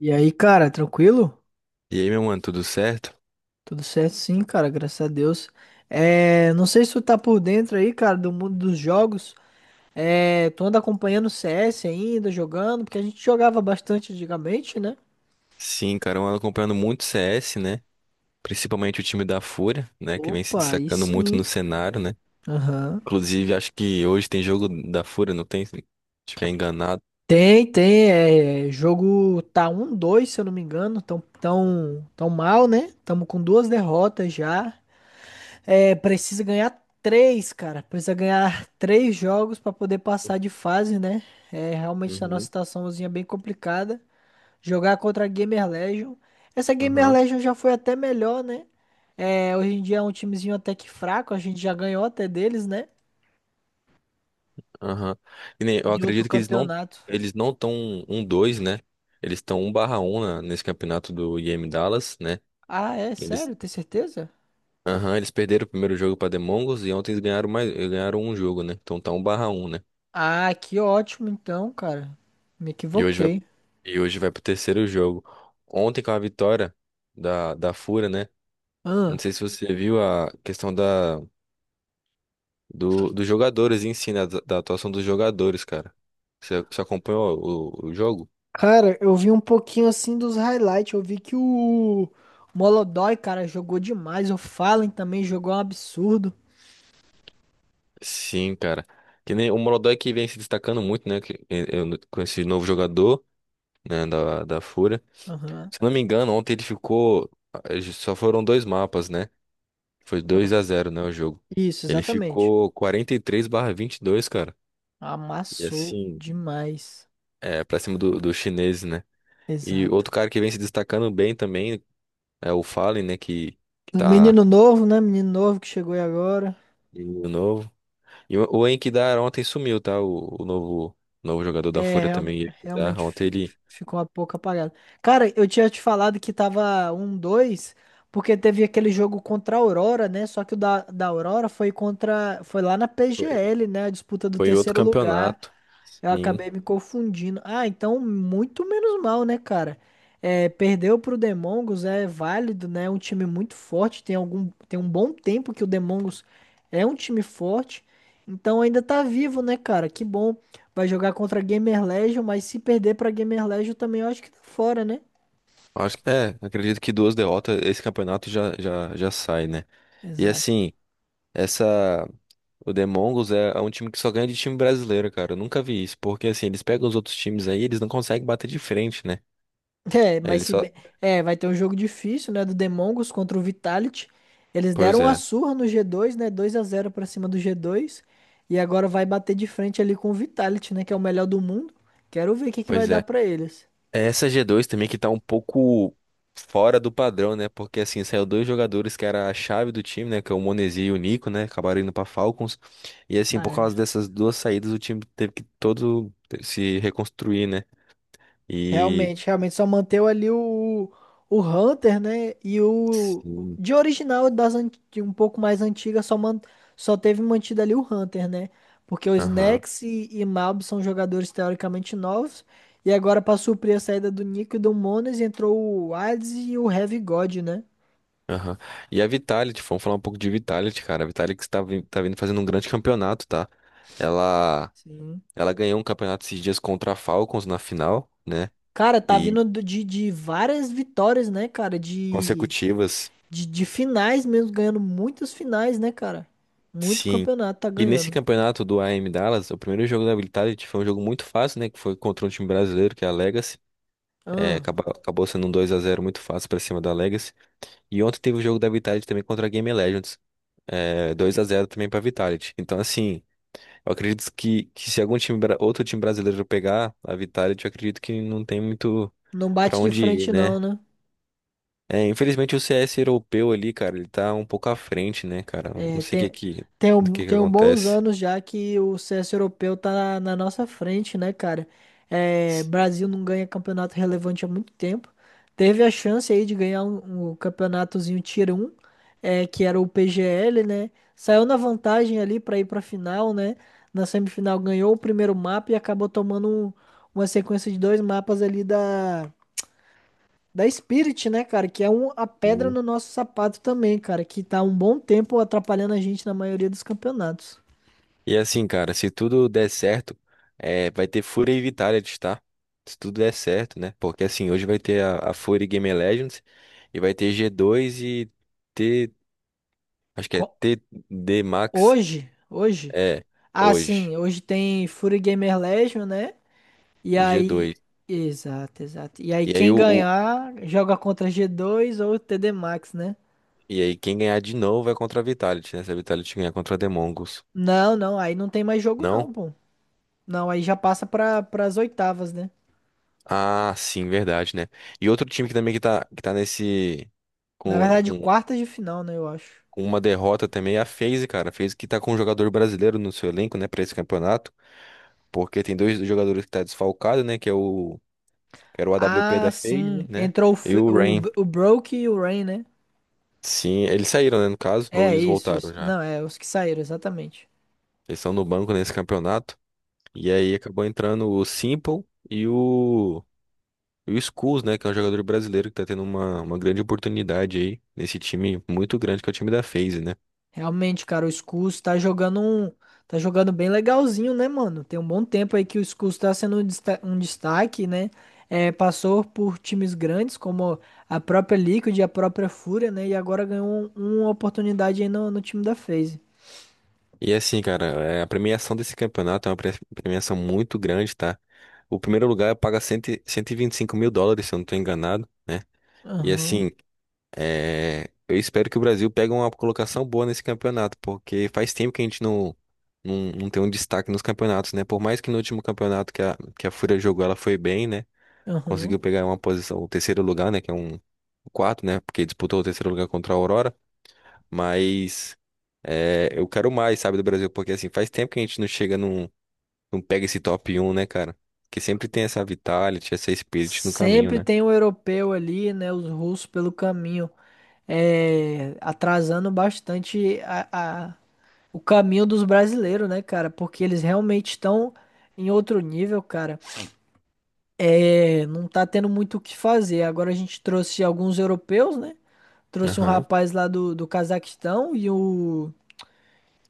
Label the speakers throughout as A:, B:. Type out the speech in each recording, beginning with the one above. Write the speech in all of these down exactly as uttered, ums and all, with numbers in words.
A: E aí, cara, tranquilo?
B: E aí, meu mano, tudo certo?
A: Tudo certo sim, cara, graças a Deus. É, não sei se tu tá por dentro aí, cara, do mundo dos jogos. É, tu anda acompanhando o C S ainda, jogando, porque a gente jogava bastante antigamente, né?
B: Sim, cara, eu ando acompanhando muito C S, né? Principalmente o time da Fúria, né? Que vem se
A: Opa, aí
B: destacando muito no
A: sim.
B: cenário, né?
A: Aham.
B: Inclusive, acho que hoje tem jogo da Fúria, não tem? Se não estiver enganado.
A: Tem, tem, é, jogo tá um dois, se eu não me engano, tão, tão, tão mal, né? Tamo com duas derrotas já. É, precisa ganhar três, cara. Precisa ganhar três jogos pra poder passar de fase, né? É, realmente tá numa
B: Uhum,
A: situaçãozinha é bem complicada. Jogar contra a Gamer Legion. Essa Gamer
B: aham,
A: Legion já foi até melhor, né? É, hoje em dia é um timezinho até que fraco. A gente já ganhou até deles, né?
B: aham. E nem, eu
A: Em outro
B: acredito que eles não
A: campeonato.
B: eles não estão um dois, né? Eles estão um a um na- nesse campeonato do I E M Dallas, né?
A: Ah, é?
B: Eles,
A: Sério? Tem certeza?
B: aham, eles perderam o primeiro jogo para Demongos e ontem eles ganharam mais, ganharam um jogo, né? Então tá um a um, né?
A: Ah, que ótimo então, cara. Me
B: E hoje vai,
A: equivoquei.
B: e hoje vai pro terceiro jogo. Ontem com a vitória da, da Fúria, né? Não
A: Ah.
B: sei se você viu a questão da, do, dos jogadores em si, né? Da, da atuação dos jogadores, cara. Você, você acompanhou o, o jogo?
A: Cara, eu vi um pouquinho assim dos highlights. Eu vi que o Molodói, cara, jogou demais. O Fallen também jogou um absurdo.
B: Sim, cara. Que nem o Molodói que vem se destacando muito, né? Que- eh, eh, com esse novo jogador, né? Da, da Fúria.
A: Aham.
B: Se eu não me engano, ontem ele ficou. eh, Só foram dois mapas, né? Foi dois a zero, né? O jogo.
A: Isso,
B: Ele
A: exatamente.
B: ficou quarenta e três barra vinte e dois, cara. E
A: Amassou
B: assim,
A: demais.
B: é, pra cima do, do chinês, né? E
A: Exato.
B: outro cara que vem se destacando bem também é o Fallen, né? Que, que
A: O
B: tá
A: menino novo, né? Menino novo que chegou aí agora.
B: menino novo. E o, o Enkidar ontem sumiu, tá? O, o novo, novo jogador da
A: É,
B: Fúria
A: real-
B: também, Enkidar.
A: realmente
B: Ontem
A: fi-
B: ele
A: ficou um pouco apagado. Cara, eu tinha te falado que tava um dois porque teve aquele jogo contra a Aurora, né? Só que o da, da Aurora foi contra. Foi lá na
B: foi
A: P G L, né? A disputa do
B: foi em outro
A: terceiro lugar.
B: campeonato.
A: Eu
B: Sim.
A: acabei me confundindo. Ah, então muito menos mal, né, cara? É, perdeu pro Demongos é válido, né? É um time muito forte. Tem algum, tem um bom tempo que o Demongos é um time forte. Então ainda tá vivo, né, cara? Que bom. Vai jogar contra a Gamer Legion, mas se perder pra Gamer Legion também eu acho que tá fora, né?
B: Acho que é, acredito que duas derrotas, esse campeonato já, já, já sai, né? E
A: Exato.
B: assim, essa. O Demongos é é um time que só ganha de time brasileiro, cara. Eu nunca vi isso. Porque assim, eles pegam os outros times aí, eles não conseguem bater de frente, né?
A: É, mas
B: Ele
A: se
B: só.
A: bem... É, vai ter um jogo difícil, né? Do Demongos contra o Vitality. Eles deram
B: Pois
A: uma
B: é,
A: surra no G dois, né? Dois a zero pra cima do G dois. E agora vai bater de frente ali com o Vitality, né? Que é o melhor do mundo. Quero ver o que que vai
B: pois
A: dar
B: é.
A: pra eles.
B: É, essa g dois também que tá um pouco fora do padrão, né? Porque assim, saiu dois jogadores que era a chave do time, né? Que é o Monesi e o Nico, né? Acabaram indo pra Falcons. E assim, por causa
A: É.
B: dessas duas saídas, o time teve que todo se reconstruir, né? E.
A: Realmente, realmente só manteu ali o, o Hunter, né? E o
B: Sim.
A: de original das an- de um pouco mais antiga, só man, só teve mantido ali o Hunter, né? Porque os
B: Aham.
A: Nex e, e Malb são jogadores teoricamente novos e agora para suprir a saída do Nico e do Mones entrou o Hades e o Heavy God, né?
B: Aham. E a Vitality, vamos falar um pouco de Vitality, cara. A Vitality que está vin- tá vindo fazendo um grande campeonato, tá? Ela,
A: Sim.
B: ela ganhou um campeonato esses dias contra a Falcons na final, né?
A: Cara, tá vindo do- de, de várias vitórias, né, cara? De,
B: Consecutivas,
A: de, de finais mesmo, ganhando muitas finais, né, cara? Muito
B: sim.
A: campeonato tá
B: E nesse
A: ganhando.
B: campeonato do A M Dallas, o primeiro jogo da Vitality foi um jogo muito fácil, né? Que foi contra um time brasileiro, que é a Legacy. É,
A: Ahn.
B: acabou, acabou sendo um dois a zero muito fácil pra cima da Legacy. E ontem teve o jogo da Vitality também contra a Game Legends. É, dois a zero também pra Vitality. Então, assim, eu acredito que, que se algum time, bra- outro time brasileiro pegar a Vitality, eu acredito que não tem muito
A: Não
B: pra
A: bate de
B: onde ir,
A: frente não,
B: né?
A: né?
B: É, infelizmente o C S europeu ali, cara, ele tá um pouco à frente, né, cara? Não
A: É,
B: sei o que
A: tem,
B: que,
A: tem,
B: do
A: um-
B: que que
A: tem um bons
B: acontece.
A: anos já que o C S europeu tá na, na nossa frente, né, cara? É, Brasil não ganha campeonato relevante há muito tempo. Teve a chance aí de ganhar um, um campeonatozinho Tier um, é, que era o P G L, né? Saiu na vantagem ali pra ir pra final, né? Na semifinal ganhou o primeiro mapa e acabou tomando um- uma sequência de dois mapas ali da Da Spirit, né, cara? Que é um, a pedra
B: Hum.
A: no nosso sapato também, cara. Que tá há um bom tempo atrapalhando a gente na maioria dos campeonatos.
B: E assim, cara, se tudo der certo, é, vai ter Fúria e Vitality, tá? Se tudo der certo, né? Porque assim, hoje vai ter a, a Fúria e Game Legends e vai ter G dois e T, acho que é
A: Co-
B: T D Max,
A: Hoje, hoje.
B: é,
A: Ah,
B: hoje,
A: sim, hoje tem Fury Gamer Legion, né? E
B: e
A: aí.
B: G dois.
A: Exato, exato. E aí,
B: E aí
A: quem
B: o, o-
A: ganhar joga contra g dois ou T D Max, né?
B: e aí quem ganhar de novo vai contra a Vitality, né? Se a Vitality ganhar contra a The Mongols.
A: Não, não, aí não tem mais jogo, não,
B: Não?
A: pô. Não, aí já passa para as oitavas, né?
B: Ah, sim, verdade, né? E outro time que também que tá, que tá nesse
A: Na
B: com
A: verdade,
B: com
A: quartas de final, né, eu acho.
B: com uma derrota também, é a FaZe, cara. A FaZe que tá com um jogador brasileiro no seu elenco, né, pra esse campeonato. Porque tem dois jogadores que tá desfalcado, né, que é o, que era o A W P
A: Ah,
B: da FaZe,
A: sim.
B: né,
A: Entrou o,
B: e
A: Fe-
B: o
A: o,
B: Rain.
A: B- o Broke e o Rain, né?
B: Sim, eles saíram, né, no caso, ou
A: É
B: eles
A: isso,
B: voltaram
A: isso.
B: já.
A: Não, é os que saíram, exatamente.
B: Eles estão no banco nesse campeonato. E aí acabou entrando o Simple e o, e o Skulls, né, que é um jogador brasileiro que tá tendo uma, uma grande oportunidade aí nesse time muito grande que é o time da FaZe, né.
A: Realmente, cara, o Scus tá jogando um, tá jogando bem legalzinho, né, mano? Tem um bom tempo aí que o Scus tá sendo um desta- um destaque, né? É, passou por times grandes como a própria Liquid e a própria Fúria, né? E agora ganhou um- uma oportunidade aí no, no time da FaZe.
B: E assim, cara, é, a premiação desse campeonato é uma pre- premiação muito grande, tá? O primeiro lugar paga cento, e- cento e vinte e cinco mil dólares, se eu não estou enganado. E
A: Aham,
B: assim, é, eu espero que o Brasil pegue uma colocação boa nesse campeonato, porque faz tempo que a gente não, não, não tem um destaque nos campeonatos, né? Por mais que no último campeonato que a, que a Fúria jogou, ela foi bem, né?
A: aham.
B: Conseguiu pegar uma posição, o terceiro lugar, né? Que é um o quarto, né? Porque disputou o terceiro lugar contra a Aurora. Mas é, eu quero mais, sabe, do Brasil, porque assim, faz tempo que a gente não chega num, não pega esse top um, né, cara? Porque sempre tem essa Vitality, essa Spirit no caminho,
A: Sempre
B: né?
A: tem o europeu ali, né? Os russos pelo caminho, é, atrasando bastante a. o caminho dos brasileiros, né, cara? Porque eles realmente estão em outro nível, cara. É, não tá tendo muito o que fazer. Agora a gente trouxe alguns europeus, né? Trouxe um
B: Aham.
A: rapaz lá do, do Cazaquistão e o,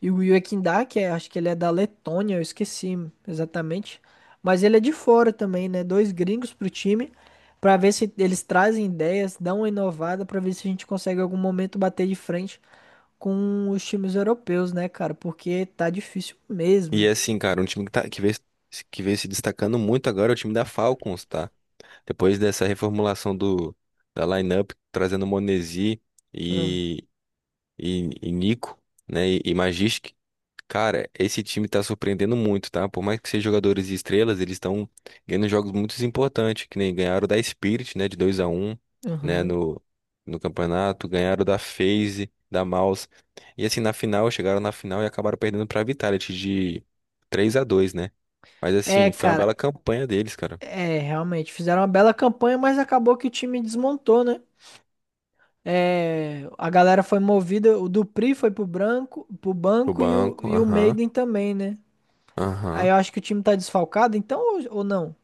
A: e o Yekindá, que é, acho que ele é da Letônia, eu esqueci exatamente. Mas ele é de fora também, né? Dois gringos pro time, pra ver se eles trazem ideias, dão uma inovada, pra ver se a gente consegue em algum momento bater de frente com os times europeus, né, cara? Porque tá difícil
B: E
A: mesmo.
B: é assim, cara, um time que, tá, que, vem, que vem se destacando muito agora é o time da Falcons, tá? Depois dessa reformulação do, da lineup, trazendo o Monesi e, e, e Nico, né? E, e Magisk. Cara, esse time tá surpreendendo muito, tá? Por mais que sejam jogadores e estrelas, eles estão ganhando jogos muito importantes, que nem ganharam da Spirit, né? De dois a um, né?
A: Aham.
B: No, no campeonato, ganharam da FaZe, da Mouse. E assim, na final, chegaram na final e acabaram perdendo pra Vitality de três a dois, né? Mas
A: É,
B: assim, foi uma bela
A: cara,
B: campanha deles, cara.
A: é, realmente, fizeram uma bela campanha, mas acabou que o time desmontou, né? É, a galera foi movida, o Dupri foi pro branco, pro
B: O
A: banco e o,
B: banco,
A: e o
B: aham,
A: Maiden também, né? Aí
B: aham.
A: eu acho que o time tá desfalcado, então, ou, ou não?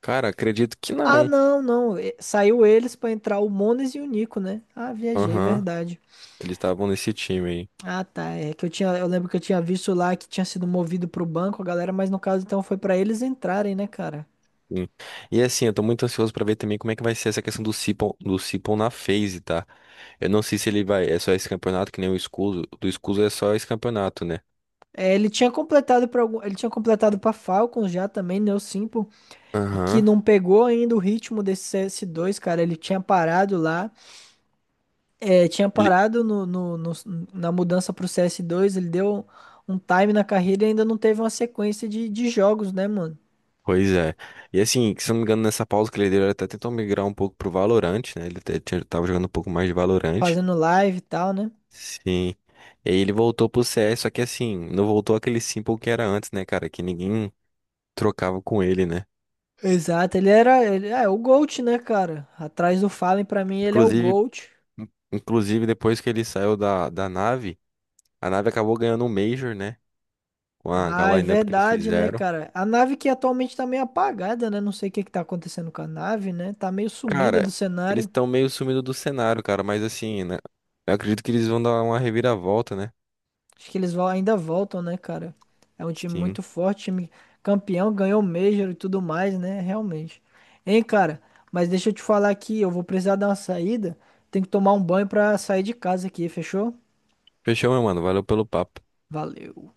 B: Cara, acredito que
A: Ah,
B: não.
A: não, não, e- saiu eles pra entrar o Mones e o Nico, né? Ah, viajei,
B: Aham.
A: verdade.
B: Eles estavam nesse time aí.
A: Ah, tá, é que eu tinha, eu lembro que eu tinha visto lá que tinha sido movido pro banco a galera, mas no caso então foi pra eles entrarem, né, cara?
B: Sim. E assim, eu tô muito ansioso pra ver também como é que vai ser essa questão do Sipon, do Sipon na phase, tá? Eu não sei se ele vai, é só esse campeonato, que nem o Escuso, do Escuso é só esse campeonato, né?
A: É, ele tinha completado para ele tinha completado para Falcons já também, né, o Simple, que
B: Aham.
A: não pegou ainda o ritmo desse C S dois cara. Ele tinha parado lá, é, tinha
B: Ele.
A: parado no, no- no- na mudança pro C S dois ele deu um time na carreira e ainda não teve uma sequência de, de jogos, né, mano?
B: Pois é. E assim, que se eu não me engano, nessa pausa que ele deu, ele até tentou migrar um pouco pro Valorant, né? Ele até tinha- tava jogando um pouco mais de Valorant.
A: Fazendo live e tal, né?
B: Sim. E aí ele voltou pro C CS, só que assim, não voltou aquele Simple que era antes, né, cara? Que ninguém trocava com ele, né?
A: Exato, ele era, ele é o GOAT, né, cara? Atrás do Fallen, pra mim, ele é o
B: Inclusive,
A: GOAT.
B: inclusive depois que ele saiu da, da nave. A nave acabou ganhando um Major, né? Com a, com
A: Ah,
B: a
A: é
B: lineup que eles
A: verdade, né,
B: fizeram.
A: cara? A nave que atualmente tá meio apagada, né? Não sei o que que tá acontecendo com a nave, né? Tá meio sumida
B: Cara,
A: do
B: eles
A: cenário.
B: estão meio sumindo do cenário, cara. Mas assim, né? Eu acredito que eles vão dar uma reviravolta, né?
A: Acho que eles vão, ainda voltam, né, cara? É um time
B: Sim.
A: muito forte, time campeão, ganhou o Major e tudo mais, né? Realmente. Hein, cara? Mas deixa eu te falar aqui, eu vou precisar dar uma saída. Tenho que tomar um banho pra sair de casa aqui, fechou?
B: Fechou, meu mano. Valeu pelo papo.
A: Valeu.